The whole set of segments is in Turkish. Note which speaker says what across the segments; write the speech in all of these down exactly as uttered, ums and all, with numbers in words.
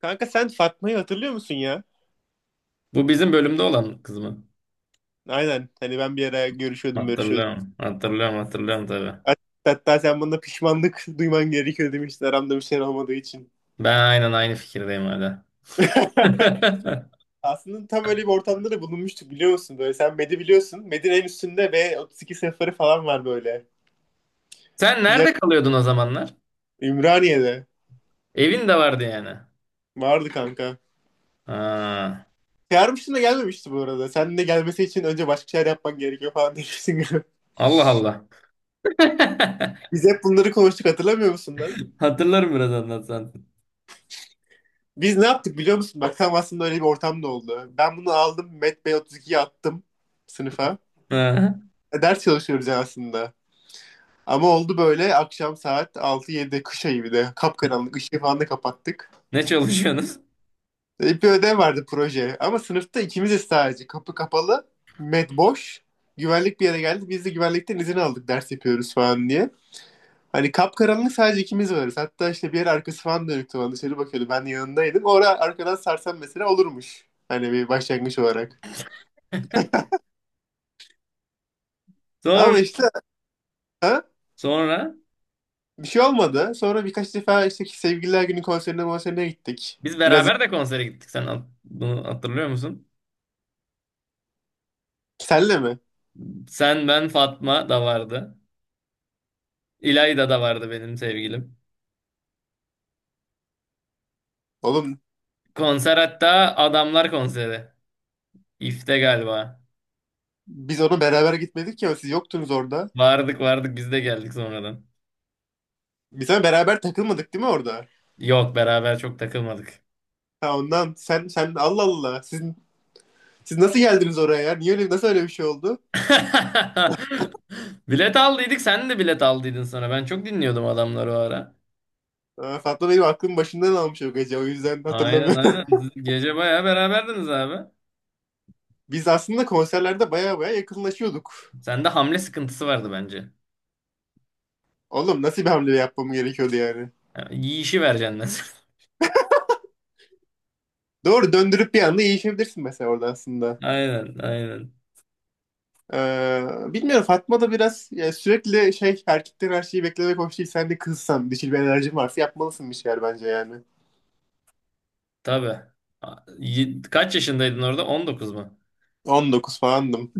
Speaker 1: Kanka sen Fatma'yı hatırlıyor musun ya?
Speaker 2: Bu bizim bölümde olan kız mı?
Speaker 1: Aynen. Hani ben bir ara görüşüyordum, görüşüyordum.
Speaker 2: Hatırlıyorum. Hatırlıyorum hatırlıyorum tabii.
Speaker 1: Hat- Hatta sen bana pişmanlık duyman gerekiyor demiştin aramda bir şey olmadığı için.
Speaker 2: Ben aynen aynı fikirdeyim hala.
Speaker 1: Aslında tam öyle bir ortamda da bulunmuştuk biliyor musun? Böyle sen Medi biliyorsun. Medi'nin en üstünde ve otuz iki sıfırı falan var böyle.
Speaker 2: Sen
Speaker 1: Bir yer
Speaker 2: nerede kalıyordun o zamanlar?
Speaker 1: Ümraniye'de.
Speaker 2: Evin de vardı yani.
Speaker 1: Vardı kanka.
Speaker 2: Ha,
Speaker 1: Çağırmıştın da gelmemişti bu arada. Sen de gelmesi için önce başka şeyler yapman gerekiyor falan demiştin.
Speaker 2: Allah Allah.
Speaker 1: Biz hep bunları konuştuk, hatırlamıyor musun lan?
Speaker 2: Hatırlarım biraz anlatsan.
Speaker 1: Biz ne yaptık biliyor musun? Bak, tam aslında öyle bir ortam da oldu. Ben bunu aldım, Met Bey otuz ikiye attım, sınıfa.
Speaker 2: Ha.
Speaker 1: E, ders çalışıyoruz yani aslında. Ama oldu böyle akşam saat altı yedi, kış ayı bir de. Kapkaranlık, ışığı falan da kapattık.
Speaker 2: Ne çalışıyorsunuz?
Speaker 1: E, bir ödev vardı, proje. Ama sınıfta ikimiziz sadece. Kapı kapalı. Met boş. Güvenlik bir yere geldi. Biz de güvenlikten izin aldık, ders yapıyoruz falan diye. Hani kapkaranlık, sadece ikimiz varız. Hatta işte bir yer arkası falan dönüktü, bana dışarı bakıyordu. Ben de yanındaydım. Orada arkadan sarsam mesela olurmuş. Hani bir başlangıç olarak.
Speaker 2: Sonra,
Speaker 1: Ama işte ha,
Speaker 2: sonra
Speaker 1: Bir şey olmadı. Sonra birkaç defa işte sevgililer günü konserine konserine gittik.
Speaker 2: biz
Speaker 1: Biraz
Speaker 2: beraber de konsere gittik. Sen hat- bunu hatırlıyor musun?
Speaker 1: senle mi?
Speaker 2: Sen, ben, Fatma da vardı. İlayda da vardı benim sevgilim.
Speaker 1: Oğlum
Speaker 2: Konser hatta Adamlar konseri. İF'te galiba.
Speaker 1: biz ona beraber gitmedik ya, siz yoktunuz orada.
Speaker 2: Vardık vardık biz de geldik sonradan.
Speaker 1: Biz ama beraber takılmadık değil mi orada?
Speaker 2: Yok, beraber çok takılmadık.
Speaker 1: Ha ondan sen sen Allah Allah, siz siz nasıl geldiniz oraya ya? Niye öyle, nasıl öyle bir şey oldu?
Speaker 2: Bilet aldıydık, sen de bilet aldıydın sonra. Ben çok dinliyordum adamları o ara.
Speaker 1: Ha, Fatma benim aklım başından almış o gece, o yüzden
Speaker 2: Aynen, aynen.
Speaker 1: hatırlamıyorum.
Speaker 2: Siz gece bayağı beraberdiniz abi.
Speaker 1: Biz aslında konserlerde baya baya yakınlaşıyorduk.
Speaker 2: Sende hamle sıkıntısı vardı bence.
Speaker 1: Oğlum nasıl bir hamle yapmam gerekiyordu yani?
Speaker 2: Yani yiyişi vereceksin mesela.
Speaker 1: Doğru döndürüp bir anda iyileşebilirsin mesela orada aslında.
Speaker 2: Aynen, aynen.
Speaker 1: Ee, bilmiyorum, Fatma da biraz ya sürekli şey, erkekten her şeyi beklemek hoş değil. Sen de kızsan, dişil bir enerjin varsa yapmalısın bir şeyler bence yani.
Speaker 2: Tabii. A- y- Kaç yaşındaydın orada? On dokuz mu?
Speaker 1: on dokuz falandım.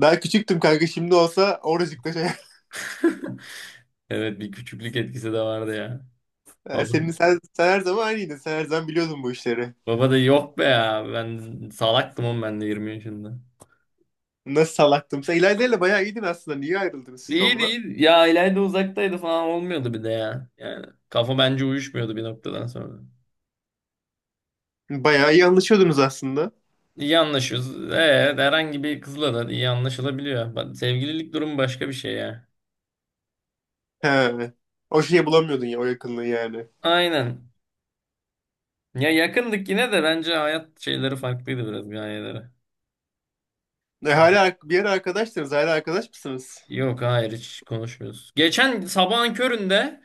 Speaker 1: Daha küçüktüm kanka, şimdi olsa oracıkta şey.
Speaker 2: Evet, bir küçüklük etkisi de vardı ya.
Speaker 1: Ee,
Speaker 2: Baba,
Speaker 1: Senin sen, sen her zaman aynıydın. Sen her zaman biliyordun bu işleri.
Speaker 2: baba da yok be ya. Ben salaktım oğlum, ben de yirmi yaşında.
Speaker 1: Nasıl salaktım. Sen İlayda ile bayağı iyiydin aslında. Niye ayrıldınız siz
Speaker 2: İyi
Speaker 1: onunla?
Speaker 2: değil. Ya İlayda uzaktaydı falan, olmuyordu bir de ya. Yani kafa bence uyuşmuyordu bir noktadan sonra.
Speaker 1: Bayağı iyi anlaşıyordunuz aslında.
Speaker 2: İyi anlaşıyoruz. Ee, herhangi bir kızla da iyi anlaşılabiliyor. Bak, sevgililik durumu başka bir şey ya.
Speaker 1: He. O şeyi bulamıyordun ya, o yakınlığı yani.
Speaker 2: Aynen. Ya, yakındık yine de, bence hayat şeyleri farklıydı biraz, gayeleri.
Speaker 1: E, hala bir ara arkadaştınız. Hala arkadaş mısınız?
Speaker 2: Yok, hayır, hiç konuşmuyoruz. Geçen sabahın köründe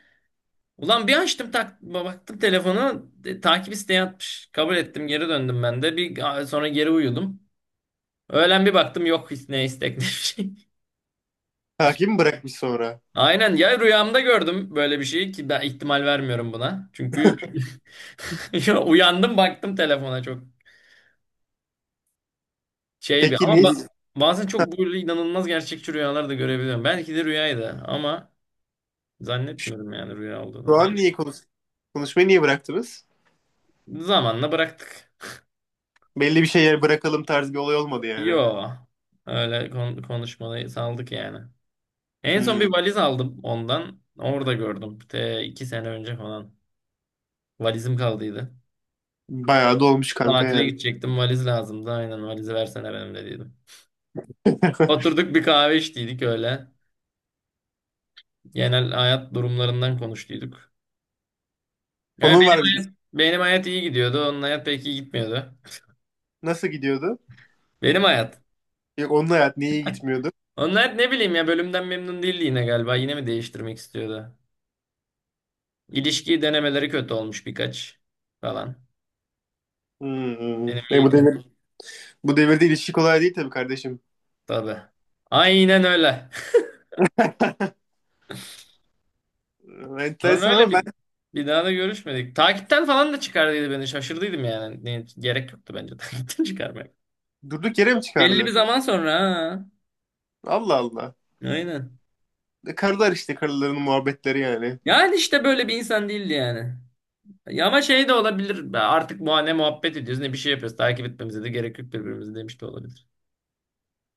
Speaker 2: ulan bir açtım tak baktım telefonu, e, takip isteği atmış. Kabul ettim, geri döndüm ben de. Bir sonra geri uyudum. Öğlen bir baktım, yok ne istek ne bir şey.
Speaker 1: Takip mi bırakmış sonra?
Speaker 2: Aynen, ya rüyamda gördüm böyle bir şeyi ki ben ihtimal vermiyorum buna. Çünkü ya uyandım baktım telefona, çok şey bir
Speaker 1: Peki
Speaker 2: ama ba-
Speaker 1: niye
Speaker 2: bazen çok böyle inanılmaz gerçekçi rüyalar da görebiliyorum. Belki de rüyaydı ama zannetmiyorum yani rüya
Speaker 1: Şu
Speaker 2: olduğunu. Ben
Speaker 1: an niye konuş konuşmayı niye bıraktınız?
Speaker 2: zamanla bıraktık.
Speaker 1: Belli bir şeyler bırakalım tarzı bir olay olmadı yani.
Speaker 2: Yo, öyle kon konuşmayı saldık yani. En son bir
Speaker 1: Hmm,
Speaker 2: valiz aldım ondan. Orada gördüm. Te iki sene önce falan. Valizim kaldıydı.
Speaker 1: bayağı da olmuş kanka
Speaker 2: Tatile
Speaker 1: yani.
Speaker 2: gidecektim, valiz lazımdı. Aynen, valizi versene benim dediydim. Oturduk bir kahve içtiydik öyle. Genel hayat durumlarından konuştuyduk. Evet,
Speaker 1: Onun
Speaker 2: benim
Speaker 1: var bir
Speaker 2: hayat, benim hayat iyi gidiyordu. Onun hayat pek iyi gitmiyordu.
Speaker 1: Nasıl gidiyordu?
Speaker 2: Benim hayat.
Speaker 1: Yok, onun hayat niye iyi gitmiyordu?
Speaker 2: Onun hayat, ne bileyim ya, bölümden memnun değildi yine galiba. Yine mi değiştirmek istiyordu? İlişki denemeleri kötü olmuş birkaç falan.
Speaker 1: Hmm.
Speaker 2: Benim
Speaker 1: E, bu
Speaker 2: iyiydi
Speaker 1: devir bu devirde ilişki kolay değil tabii kardeşim.
Speaker 2: tabii. Aynen öyle.
Speaker 1: E,
Speaker 2: Sonra
Speaker 1: Enteresan
Speaker 2: öyle
Speaker 1: ama ben
Speaker 2: bir bir daha da görüşmedik. Takipten falan da çıkardıydı beni. Şaşırdıydım yani. Ne, gerek yoktu bence takipten çıkarmaya.
Speaker 1: Durduk yere mi
Speaker 2: Belli bir
Speaker 1: çıkardı?
Speaker 2: zaman sonra, ha.
Speaker 1: Allah Allah.
Speaker 2: Aynen.
Speaker 1: E, karılar işte, karıların muhabbetleri yani.
Speaker 2: Yani işte böyle bir insan değildi yani. Ya ama şey de olabilir. Artık bu, ne muhabbet ediyoruz ne bir şey yapıyoruz. Takip etmemize de gerek yok birbirimizi demiş de olabilir.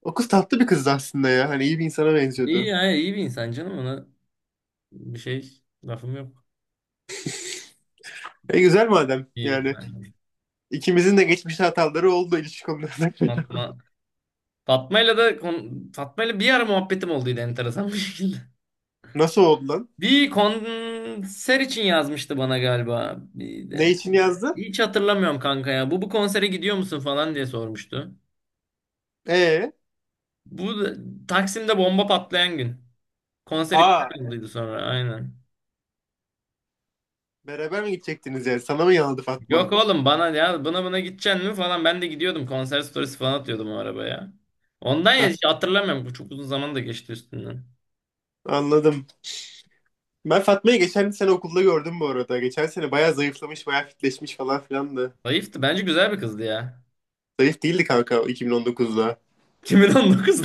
Speaker 1: O kız tatlı bir kızdı aslında ya. Hani iyi bir insana
Speaker 2: İyi,
Speaker 1: benziyordu.
Speaker 2: ya iyi bir insan canım, ona bir şey lafım yok.
Speaker 1: E güzel madem
Speaker 2: İyi.
Speaker 1: yani.
Speaker 2: Yani
Speaker 1: İkimizin de geçmişte hataları oldu ilişki konularında.
Speaker 2: Fatma. Fatma'yla da kon- Fatma'yla bir ara muhabbetim olduydı enteresan bir şekilde.
Speaker 1: Nasıl oldu lan?
Speaker 2: Bir konser için yazmıştı bana galiba. Bir
Speaker 1: Ne
Speaker 2: de.
Speaker 1: için yazdı?
Speaker 2: Hiç hatırlamıyorum kanka ya. Bu bu konsere gidiyor musun falan diye sormuştu.
Speaker 1: Ee,
Speaker 2: Bu da- Taksim'de bomba patlayan gün. Konser iptal
Speaker 1: aa
Speaker 2: olduydu sonra, aynen.
Speaker 1: Beraber mi gidecektiniz yani? Sana mı yanıldı Fatma?
Speaker 2: Yok oğlum, bana ya buna, buna gideceksin mi falan, ben de gidiyordum, konser storiesi falan atıyordum o arabaya. Ondan, ya hiç hatırlamıyorum, bu çok uzun zaman da geçti üstünden.
Speaker 1: Anladım. Ben Fatma'yı geçen sene okulda gördüm bu arada. Geçen sene bayağı zayıflamış, bayağı fitleşmiş falan filan da.
Speaker 2: Zayıftı bence, güzel bir kızdı ya.
Speaker 1: Zayıf değildi kanka iki bin on dokuzda.
Speaker 2: 2019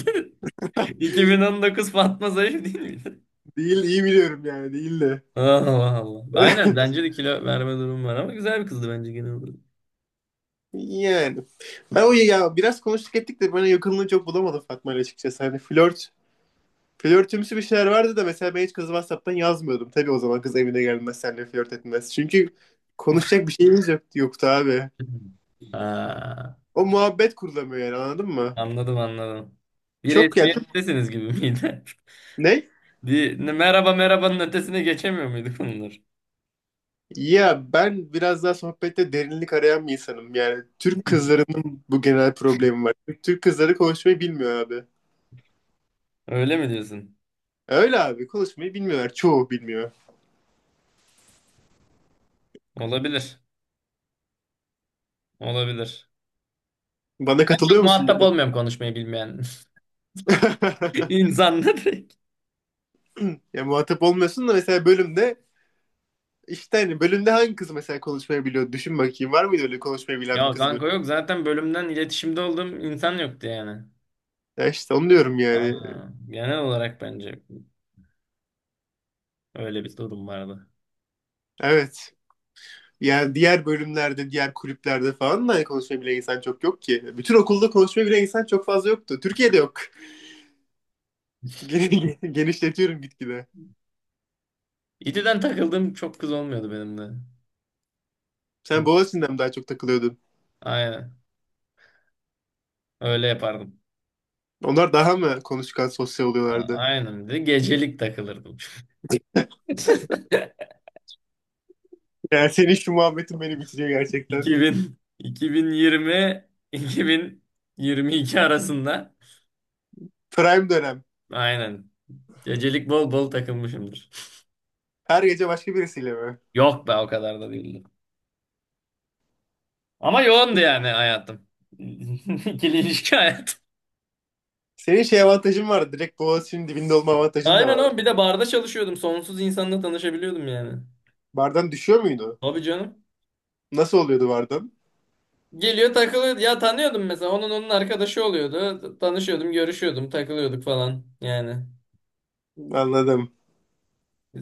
Speaker 2: 2019 Fatma zayıf değil miydi?
Speaker 1: Değil, iyi biliyorum yani, değildi.
Speaker 2: Allah Allah. Aynen, bence de kilo verme durumu var ama güzel bir kızdı bence genel olarak.
Speaker 1: Yani. Ben o ya biraz konuştuk ettik de bana yakınlığı çok bulamadım Fatma ile açıkçası. Hani flört, flörtümsü bir şeyler vardı da, mesela ben hiç kızı WhatsApp'tan yazmıyordum. Tabii o zaman kız evine gelmez, seninle flört etmez. Çünkü konuşacak bir şeyimiz yok, yoktu abi.
Speaker 2: Ha,
Speaker 1: O muhabbet kurulamıyor yani, anladın mı?
Speaker 2: anladım, anladım. Bir
Speaker 1: Çok ya çok-
Speaker 2: resmiyettesiniz gibi miydi?
Speaker 1: Ne?
Speaker 2: Bir merhaba merhabanın ötesine geçemiyor muyduk bunlar?
Speaker 1: Ya ben biraz daha sohbette derinlik arayan bir insanım. Yani Türk kızlarının bu genel problemi var. Türk kızları konuşmayı bilmiyor abi.
Speaker 2: Öyle mi diyorsun?
Speaker 1: Öyle abi, konuşmayı bilmiyorlar. Çoğu bilmiyor.
Speaker 2: Olabilir. Olabilir.
Speaker 1: Bana
Speaker 2: Ben çok
Speaker 1: katılıyor musun bu
Speaker 2: muhatap
Speaker 1: konuda?
Speaker 2: olmuyorum konuşmayı bilmeyen insanla direkt.
Speaker 1: Ya muhatap olmuyorsun da mesela bölümde işte, hani bölümde hangi kız mesela konuşmayı biliyor? Düşün bakayım, var mıydı öyle konuşmayı bilen bir
Speaker 2: Ya
Speaker 1: kız böyle?
Speaker 2: kanka, yok zaten bölümden iletişimde olduğum insan yoktu yani.
Speaker 1: Ya işte onu diyorum yani.
Speaker 2: Aa, genel olarak bence öyle bir durum vardı.
Speaker 1: Evet. Yani diğer bölümlerde, diğer kulüplerde falan da konuşabilen insan çok yok ki. Bütün okulda konuşmaya konuşabilen insan çok fazla yoktu. Türkiye'de yok. Gen- Genişletiyorum gitgide.
Speaker 2: İTÜ'den takıldığım çok kız olmuyordu benim de.
Speaker 1: Sen
Speaker 2: Bu-
Speaker 1: Boğaziçi'nden mi daha çok takılıyordun?
Speaker 2: Aynen. Öyle yapardım.
Speaker 1: Onlar daha mı konuşkan, sosyal
Speaker 2: A-
Speaker 1: oluyorlardı?
Speaker 2: Aynen, bir de gecelik takılırdım.
Speaker 1: Yani senin şu muhabbetin beni bitiriyor gerçekten.
Speaker 2: iki bin iki bin yirmi iki bin yirmi iki arasında,
Speaker 1: Prime dönem.
Speaker 2: aynen, gecelik bol bol takılmışımdır.
Speaker 1: Her gece başka birisiyle mi?
Speaker 2: Yok be, o kadar da değildi. Ama yoğundu yani hayatım. İkili ilişki hayatım.
Speaker 1: Senin şey avantajın vardı. Direkt Boğaziçi'nin dibinde olma avantajın da
Speaker 2: Aynen oğlum, bir
Speaker 1: vardı.
Speaker 2: de barda çalışıyordum. Sonsuz insanla tanışabiliyordum yani.
Speaker 1: Bardan düşüyor muydu?
Speaker 2: Tabii canım.
Speaker 1: Nasıl oluyordu bardan?
Speaker 2: Geliyor, takılıyor. Ya tanıyordum mesela. Onun onun arkadaşı oluyordu. T- Tanışıyordum, görüşüyordum, takılıyorduk falan. Yani.
Speaker 1: Anladım.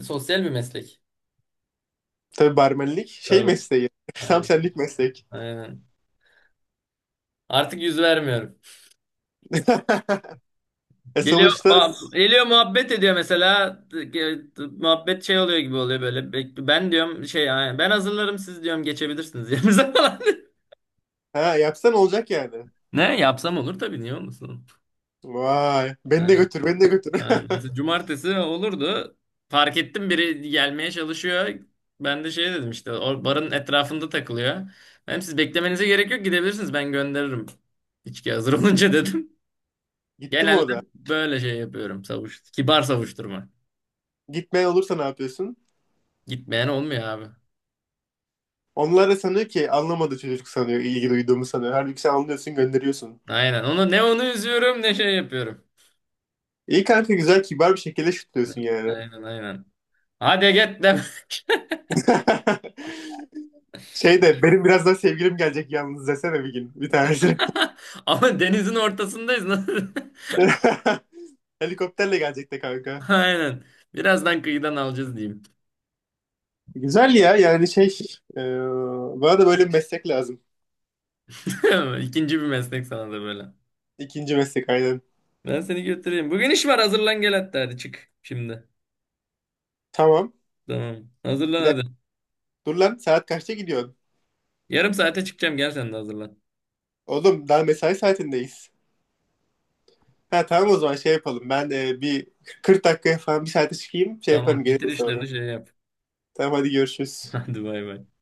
Speaker 2: Sosyal bir meslek.
Speaker 1: Tabii barmenlik şey
Speaker 2: Tabii.
Speaker 1: mesleği. Tam
Speaker 2: Aynen.
Speaker 1: senlik meslek.
Speaker 2: Aynen. Artık yüz vermiyorum.
Speaker 1: E
Speaker 2: Geliyor,
Speaker 1: sonuçta
Speaker 2: muhab- geliyor muhabbet ediyor mesela. Ge- Muhabbet şey oluyor gibi oluyor böyle. Be- Ben diyorum şey yani, ben hazırlarım siz diyorum, geçebilirsiniz yerinize falan.
Speaker 1: ha, yapsan olacak yani.
Speaker 2: Ne yapsam olur tabii, niye olmasın?
Speaker 1: Vay. Beni de
Speaker 2: Ne?
Speaker 1: götür, beni de götür.
Speaker 2: Ha, mesela cumartesi olurdu. Fark ettim biri gelmeye çalışıyor. Ben de şey dedim, işte o barın etrafında takılıyor. Hem siz beklemenize gerek yok, gidebilirsiniz, ben gönderirim. İçki hazır olunca, dedim.
Speaker 1: Gitti mi
Speaker 2: Genelde
Speaker 1: o da?
Speaker 2: böyle şey yapıyorum, savuş. Kibar savuşturma.
Speaker 1: Gitmeyen olursa ne yapıyorsun?
Speaker 2: Gitmeyen olmuyor abi.
Speaker 1: Onlar da sanıyor ki anlamadı, çocuk sanıyor, ilgi duyduğumu sanıyor. Halbuki sen anlıyorsun, gönderiyorsun.
Speaker 2: Aynen. Onu ne onu üzüyorum ne şey yapıyorum.
Speaker 1: İyi kanka, güzel, kibar bir şekilde şutluyorsun yani.
Speaker 2: Aynen, aynen. Hadi git demek.
Speaker 1: Şey de benim birazdan sevgilim gelecek yalnız desene bir gün bir tanesi.
Speaker 2: Ama denizin ortasındayız. Nasıl?
Speaker 1: Helikopterle gelecek de kanka.
Speaker 2: Aynen. Birazdan kıyıdan alacağız diyeyim.
Speaker 1: Güzel ya yani şey e, bana da böyle bir meslek lazım.
Speaker 2: İkinci bir meslek sana da böyle.
Speaker 1: İkinci meslek aynen.
Speaker 2: Ben seni götüreyim. Bugün iş var, hazırlan gel, hatta hadi çık şimdi.
Speaker 1: Tamam.
Speaker 2: Tamam. Hazırlan
Speaker 1: Bir
Speaker 2: hadi.
Speaker 1: dakika. Dur lan, saat kaçta gidiyorsun?
Speaker 2: Yarım saate çıkacağım, gel sen de hazırlan.
Speaker 1: Oğlum daha mesai saatindeyiz. Ha tamam, o zaman şey yapalım. Ben e, bir Kırk dakikaya falan, bir saate çıkayım. Şey yaparım,
Speaker 2: Tamam, bitir
Speaker 1: gelirim sonra.
Speaker 2: işlerini, şey yap.
Speaker 1: Tamam hadi, görüşürüz.
Speaker 2: Hadi, bay bay.